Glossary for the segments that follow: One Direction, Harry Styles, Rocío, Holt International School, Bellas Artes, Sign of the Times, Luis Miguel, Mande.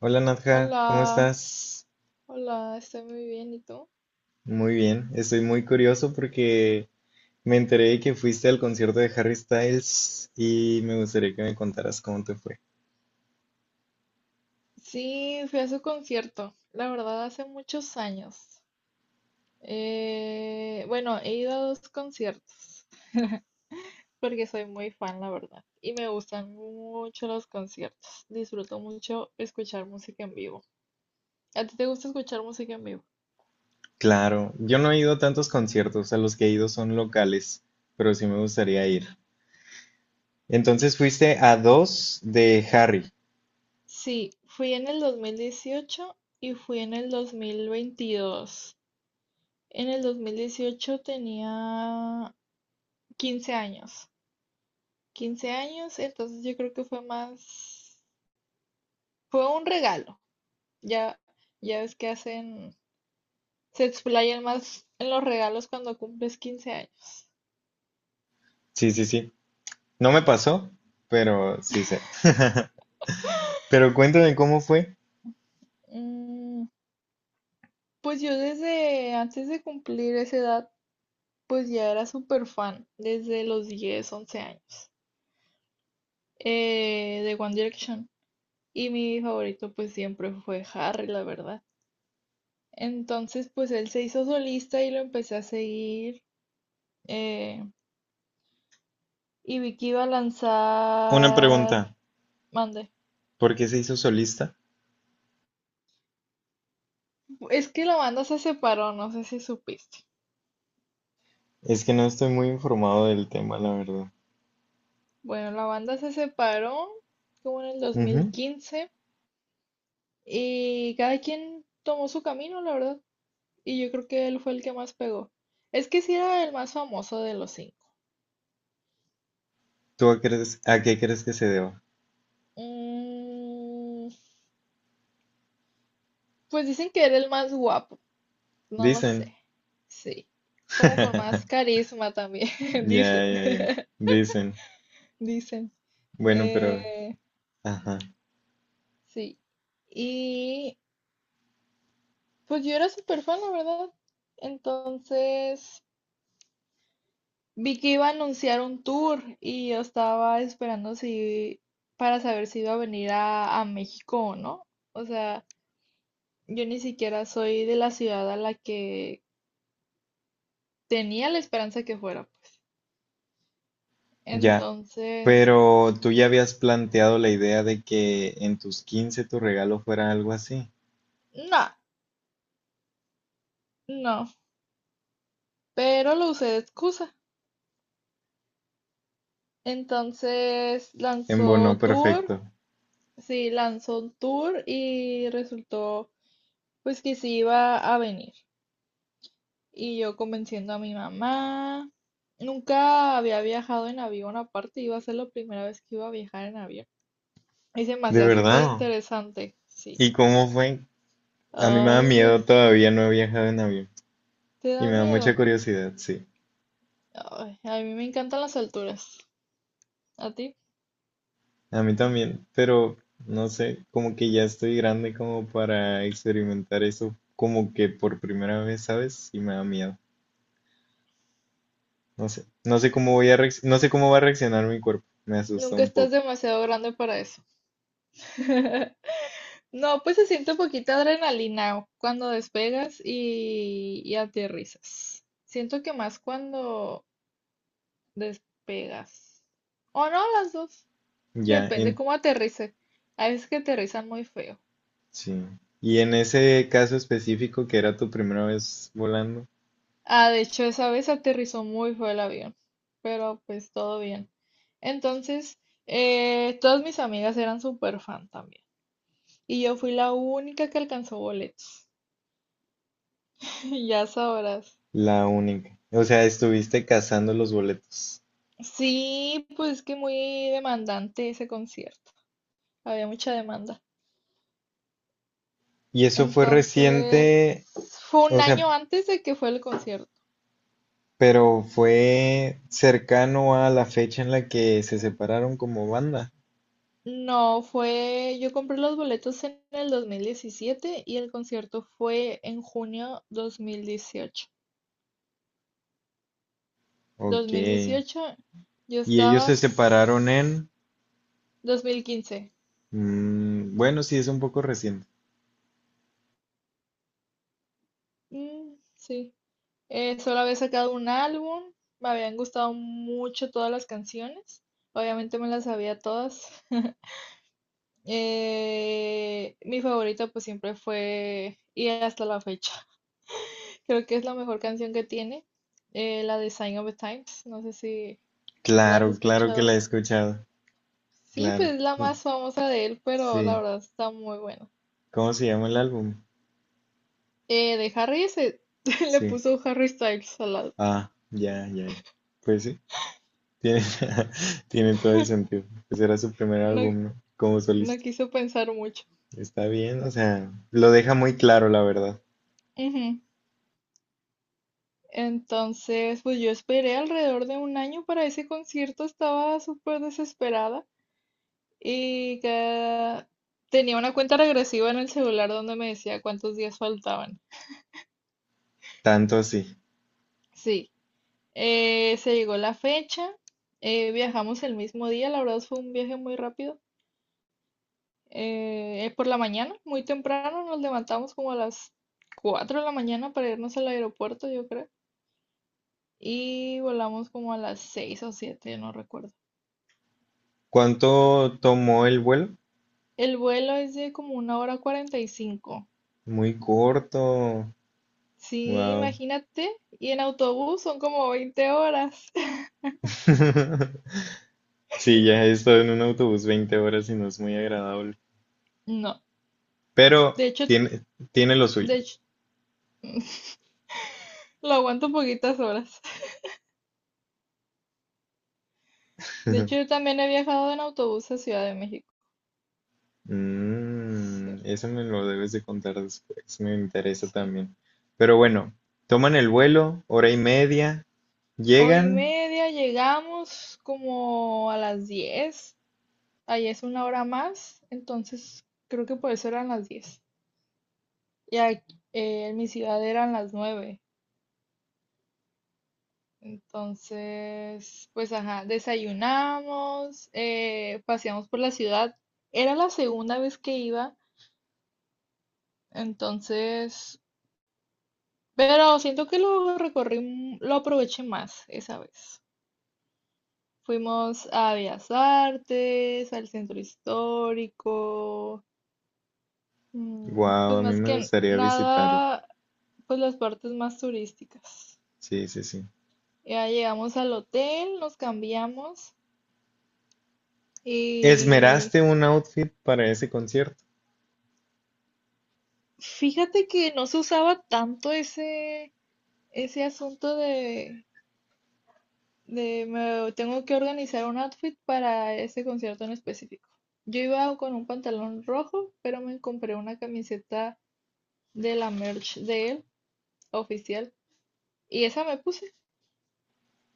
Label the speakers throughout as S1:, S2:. S1: Hola Nadja, ¿cómo
S2: Hola,
S1: estás?
S2: hola, estoy muy bien, ¿y tú?
S1: Muy bien, estoy muy curioso porque me enteré de que fuiste al concierto de Harry Styles y me gustaría que me contaras cómo te fue.
S2: Sí, fui a su concierto, la verdad, hace muchos años. Bueno, he ido a dos conciertos, porque soy muy fan, la verdad, y me gustan mucho los conciertos. Disfruto mucho escuchar música en vivo. ¿A ti te gusta escuchar música en vivo?
S1: Claro, yo no he ido a tantos conciertos, a los que he ido son locales, pero sí me gustaría ir. Entonces fuiste a dos de Harry.
S2: Sí, fui en el 2018 y fui en el 2022. En el 2018 tenía 15 años. 15 años, entonces yo creo que fue más, fue un regalo. Ya, ya ves que hacen, se explayan más en los regalos cuando cumples 15 años.
S1: Sí, sí, sí. No me pasó, pero sí sé. Pero cuéntame cómo fue.
S2: Mm, pues yo desde antes de cumplir esa edad, pues ya era súper fan, desde los 10 11 años, de One Direction. Y mi favorito pues siempre fue Harry, la verdad. Entonces pues él se hizo solista y lo empecé a seguir. eh, y vi que iba a
S1: Una
S2: lanzar.
S1: pregunta,
S2: Mande.
S1: ¿por qué se hizo solista?
S2: Es que la banda se separó, no sé si supiste.
S1: Es que no estoy muy informado del tema, la verdad.
S2: Bueno, la banda se separó como en el 2015 y cada quien tomó su camino, la verdad. Y yo creo que él fue el que más pegó. Es que sí era el más famoso de los cinco.
S1: ¿Tú a, crees, a qué crees que se deba?
S2: Mm, pues dicen que era el más guapo, no lo sé.
S1: Dicen.
S2: Sí, como con más carisma también,
S1: Ya,
S2: dicen.
S1: ya, ya. Dicen.
S2: Dicen.
S1: Bueno, pero...
S2: Eh,
S1: Ajá.
S2: sí. Y pues yo era súper fan, la verdad. Entonces vi que iba a anunciar un tour y yo estaba esperando para saber si iba a venir a México o no. O sea, yo ni siquiera soy de la ciudad a la que tenía la esperanza que fuera, pues.
S1: Ya.
S2: Entonces,
S1: Pero tú ya habías planteado la idea de que en tus 15 tu regalo fuera algo así.
S2: no, no. Pero lo usé de excusa. Entonces lanzó
S1: Embonó
S2: tour,
S1: perfecto.
S2: sí, lanzó un tour y resultó pues que sí iba a venir. Y yo convenciendo a mi mamá. Nunca había viajado en avión, aparte iba a ser la primera vez que iba a viajar en avión. Y se me
S1: De
S2: hacía súper
S1: verdad.
S2: interesante, sí.
S1: ¿Y cómo fue? A mí me da
S2: Ay,
S1: miedo
S2: pues,
S1: todavía, no he viajado en avión.
S2: ¿te
S1: Y
S2: da
S1: me da mucha
S2: miedo?
S1: curiosidad, sí.
S2: Ay, a mí me encantan las alturas. ¿A ti?
S1: A mí también, pero no sé, como que ya estoy grande como para experimentar eso como que por primera vez, ¿sabes? Y me da miedo. No sé, no sé cómo voy a reacc- no sé cómo va a reaccionar mi cuerpo. Me asusta
S2: Nunca
S1: un
S2: estás
S1: poco.
S2: demasiado grande para eso. No, pues se siente poquita adrenalina cuando despegas y aterrizas. Siento que más cuando despegas. O no, las dos.
S1: Ya,
S2: Depende
S1: en-
S2: cómo aterrice. Hay veces que aterrizan muy feo.
S1: sí. Y en ese caso específico que era tu primera vez volando,
S2: Ah, de hecho, esa vez aterrizó muy feo el avión, pero pues todo bien. Entonces, todas mis amigas eran súper fan también. Y yo fui la única que alcanzó boletos. Ya sabrás.
S1: la única. O sea, estuviste cazando los boletos.
S2: Sí, pues que muy demandante ese concierto. Había mucha demanda.
S1: Y eso fue
S2: Entonces,
S1: reciente,
S2: fue un
S1: o
S2: año
S1: sea,
S2: antes de que fue el concierto.
S1: pero fue cercano a la fecha en la que se separaron como banda.
S2: No, fue, yo compré los boletos en el 2017 y el concierto fue en junio 2018.
S1: Ok. Y
S2: 2018, yo
S1: ellos
S2: estaba
S1: se separaron
S2: s-
S1: en...
S2: 2015.
S1: Mm, bueno, sí, es un poco reciente.
S2: Mm, sí. Solo había sacado un álbum, me habían gustado mucho todas las canciones, obviamente me las sabía todas. Mi favorita pues siempre fue, y hasta la fecha. Creo que es la mejor canción que tiene, la de Sign of the Times. No sé si la has
S1: Claro, claro que la
S2: escuchado.
S1: he escuchado.
S2: Sí, pues
S1: Claro.
S2: es la
S1: Cu-
S2: más famosa de él, pero la
S1: sí.
S2: verdad está muy buena.
S1: ¿Cómo se llama el álbum?
S2: De Harry se le
S1: Sí.
S2: puso Harry Styles al lado.
S1: Ah, ya, ya, ya. Pues sí, tiene, tiene todo el sentido. Pues era su primer
S2: No,
S1: álbum, ¿no? Como
S2: no
S1: solista.
S2: quiso pensar mucho.
S1: Está bien, o sea, lo deja muy claro, la verdad.
S2: Ujú. Entonces, pues yo esperé alrededor de un año para ese concierto, estaba súper desesperada y que tenía una cuenta regresiva en el celular donde me decía cuántos días faltaban.
S1: Tanto así.
S2: Sí. Se llegó la fecha, viajamos el mismo día, la verdad fue un viaje muy rápido. Por la mañana, muy temprano, nos levantamos como a las 4 de la mañana para irnos al aeropuerto, yo creo, y volamos como a las 6 o siete, no recuerdo.
S1: ¿Cuánto tomó el vuelo?
S2: El vuelo es de como una hora 45.
S1: Muy corto.
S2: Sí,
S1: Wow.
S2: imagínate, y en autobús son como 20 horas.
S1: Sí, ya he estado en un autobús 20 horas y no es muy agradable,
S2: No,
S1: pero
S2: de hecho,
S1: tiene, tiene lo
S2: de
S1: suyo.
S2: hecho, lo aguanto poquitas horas. De hecho, yo también he viajado en autobús a Ciudad de México. Sí,
S1: Mm, eso me lo debes de contar después, me interesa
S2: sí.
S1: también. Pero bueno, toman el vuelo, hora y media,
S2: Hora y
S1: llegan.
S2: media, llegamos como a las 10. Ahí es una hora más, entonces creo que por eso eran las 10. Y aquí, en mi ciudad eran las 9. Entonces, pues ajá, desayunamos, paseamos por la ciudad. Era la segunda vez que iba, entonces, pero siento que lo recorrí, lo aproveché más esa vez. Fuimos a Bellas Artes, al centro histórico,
S1: Wow,
S2: pues
S1: a mí
S2: más
S1: me
S2: que
S1: gustaría visitarlo.
S2: nada, pues las partes más turísticas.
S1: Sí, sí, sí.
S2: Ya llegamos al hotel, nos cambiamos y
S1: ¿Esmeraste un outfit para ese concierto?
S2: fíjate que no se usaba tanto ese asunto de, me tengo que organizar un outfit para ese concierto en específico. Yo iba con un pantalón rojo, pero me compré una camiseta de la merch de él. Oficial. Y esa me puse.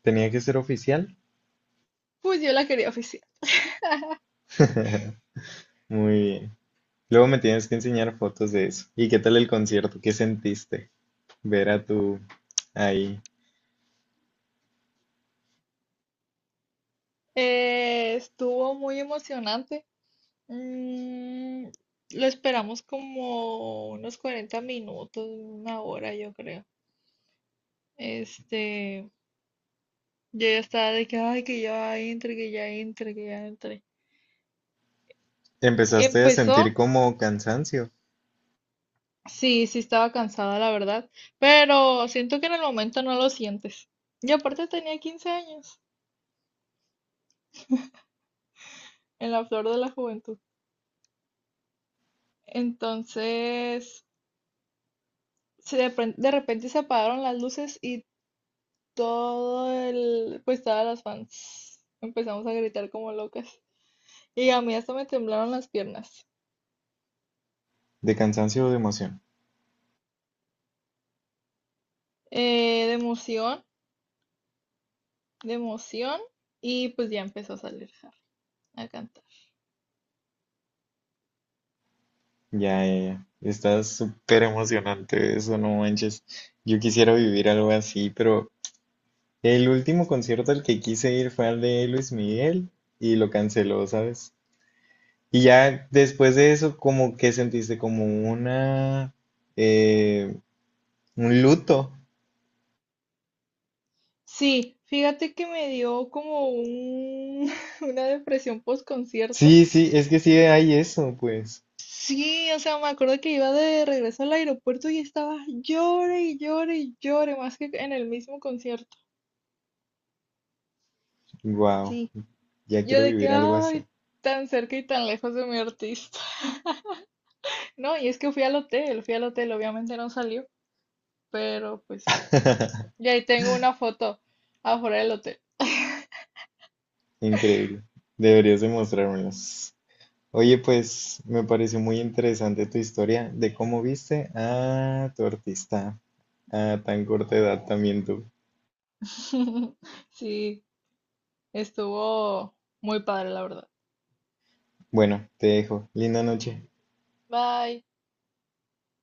S1: ¿Tenía que ser oficial?
S2: Pues yo la quería oficial.
S1: Muy bien. Luego me tienes que enseñar fotos de eso. ¿Y qué tal el concierto? ¿Qué sentiste? Verá tú, ahí.
S2: Estuvo muy emocionante. Mm, lo esperamos como unos 40 minutos, una hora, yo creo. Este, yo ya estaba de que, ay, que ya entre, que ya entre, que ya entre.
S1: Empezaste a sentir
S2: Empezó,
S1: como cansancio,
S2: sí, sí estaba cansada, la verdad, pero siento que en el momento no lo sientes. Y aparte tenía 15 años, en la flor de la juventud. Entonces, de repente se apagaron las luces y pues todas las fans empezamos a gritar como locas. Y a mí hasta me temblaron las piernas.
S1: de cansancio o de emoción.
S2: De emoción, de emoción. Y pues ya empezó a salir Harry a cantar.
S1: Ya, ya, ya. Está súper emocionante eso, no manches. Yo quisiera vivir algo así, pero el último concierto al que quise ir fue al de Luis Miguel y lo canceló, ¿sabes? Y ya después de eso, como que sentiste como una, eh, un luto.
S2: Sí, fíjate que me dio como una depresión post concierto.
S1: Sí, sí, es que sí hay eso, pues.
S2: Sí, o sea, me acuerdo que iba de regreso al aeropuerto y estaba llore y llore y llore, más que en el mismo concierto.
S1: Wow,
S2: Sí.
S1: ya
S2: Yo
S1: quiero
S2: de que,
S1: vivir algo así.
S2: ay, tan cerca y tan lejos de mi artista. No, y es que fui al hotel, obviamente no salió, pero pues fui. Y ahí tengo una foto afuera del hotel.
S1: Increíble. Deberías demostrármelas. Oye, pues me pareció muy interesante tu historia de cómo viste a tu artista a tan corta edad también tú.
S2: Sí, estuvo muy padre, la verdad.
S1: Bueno, te dejo. Linda noche.
S2: Bye.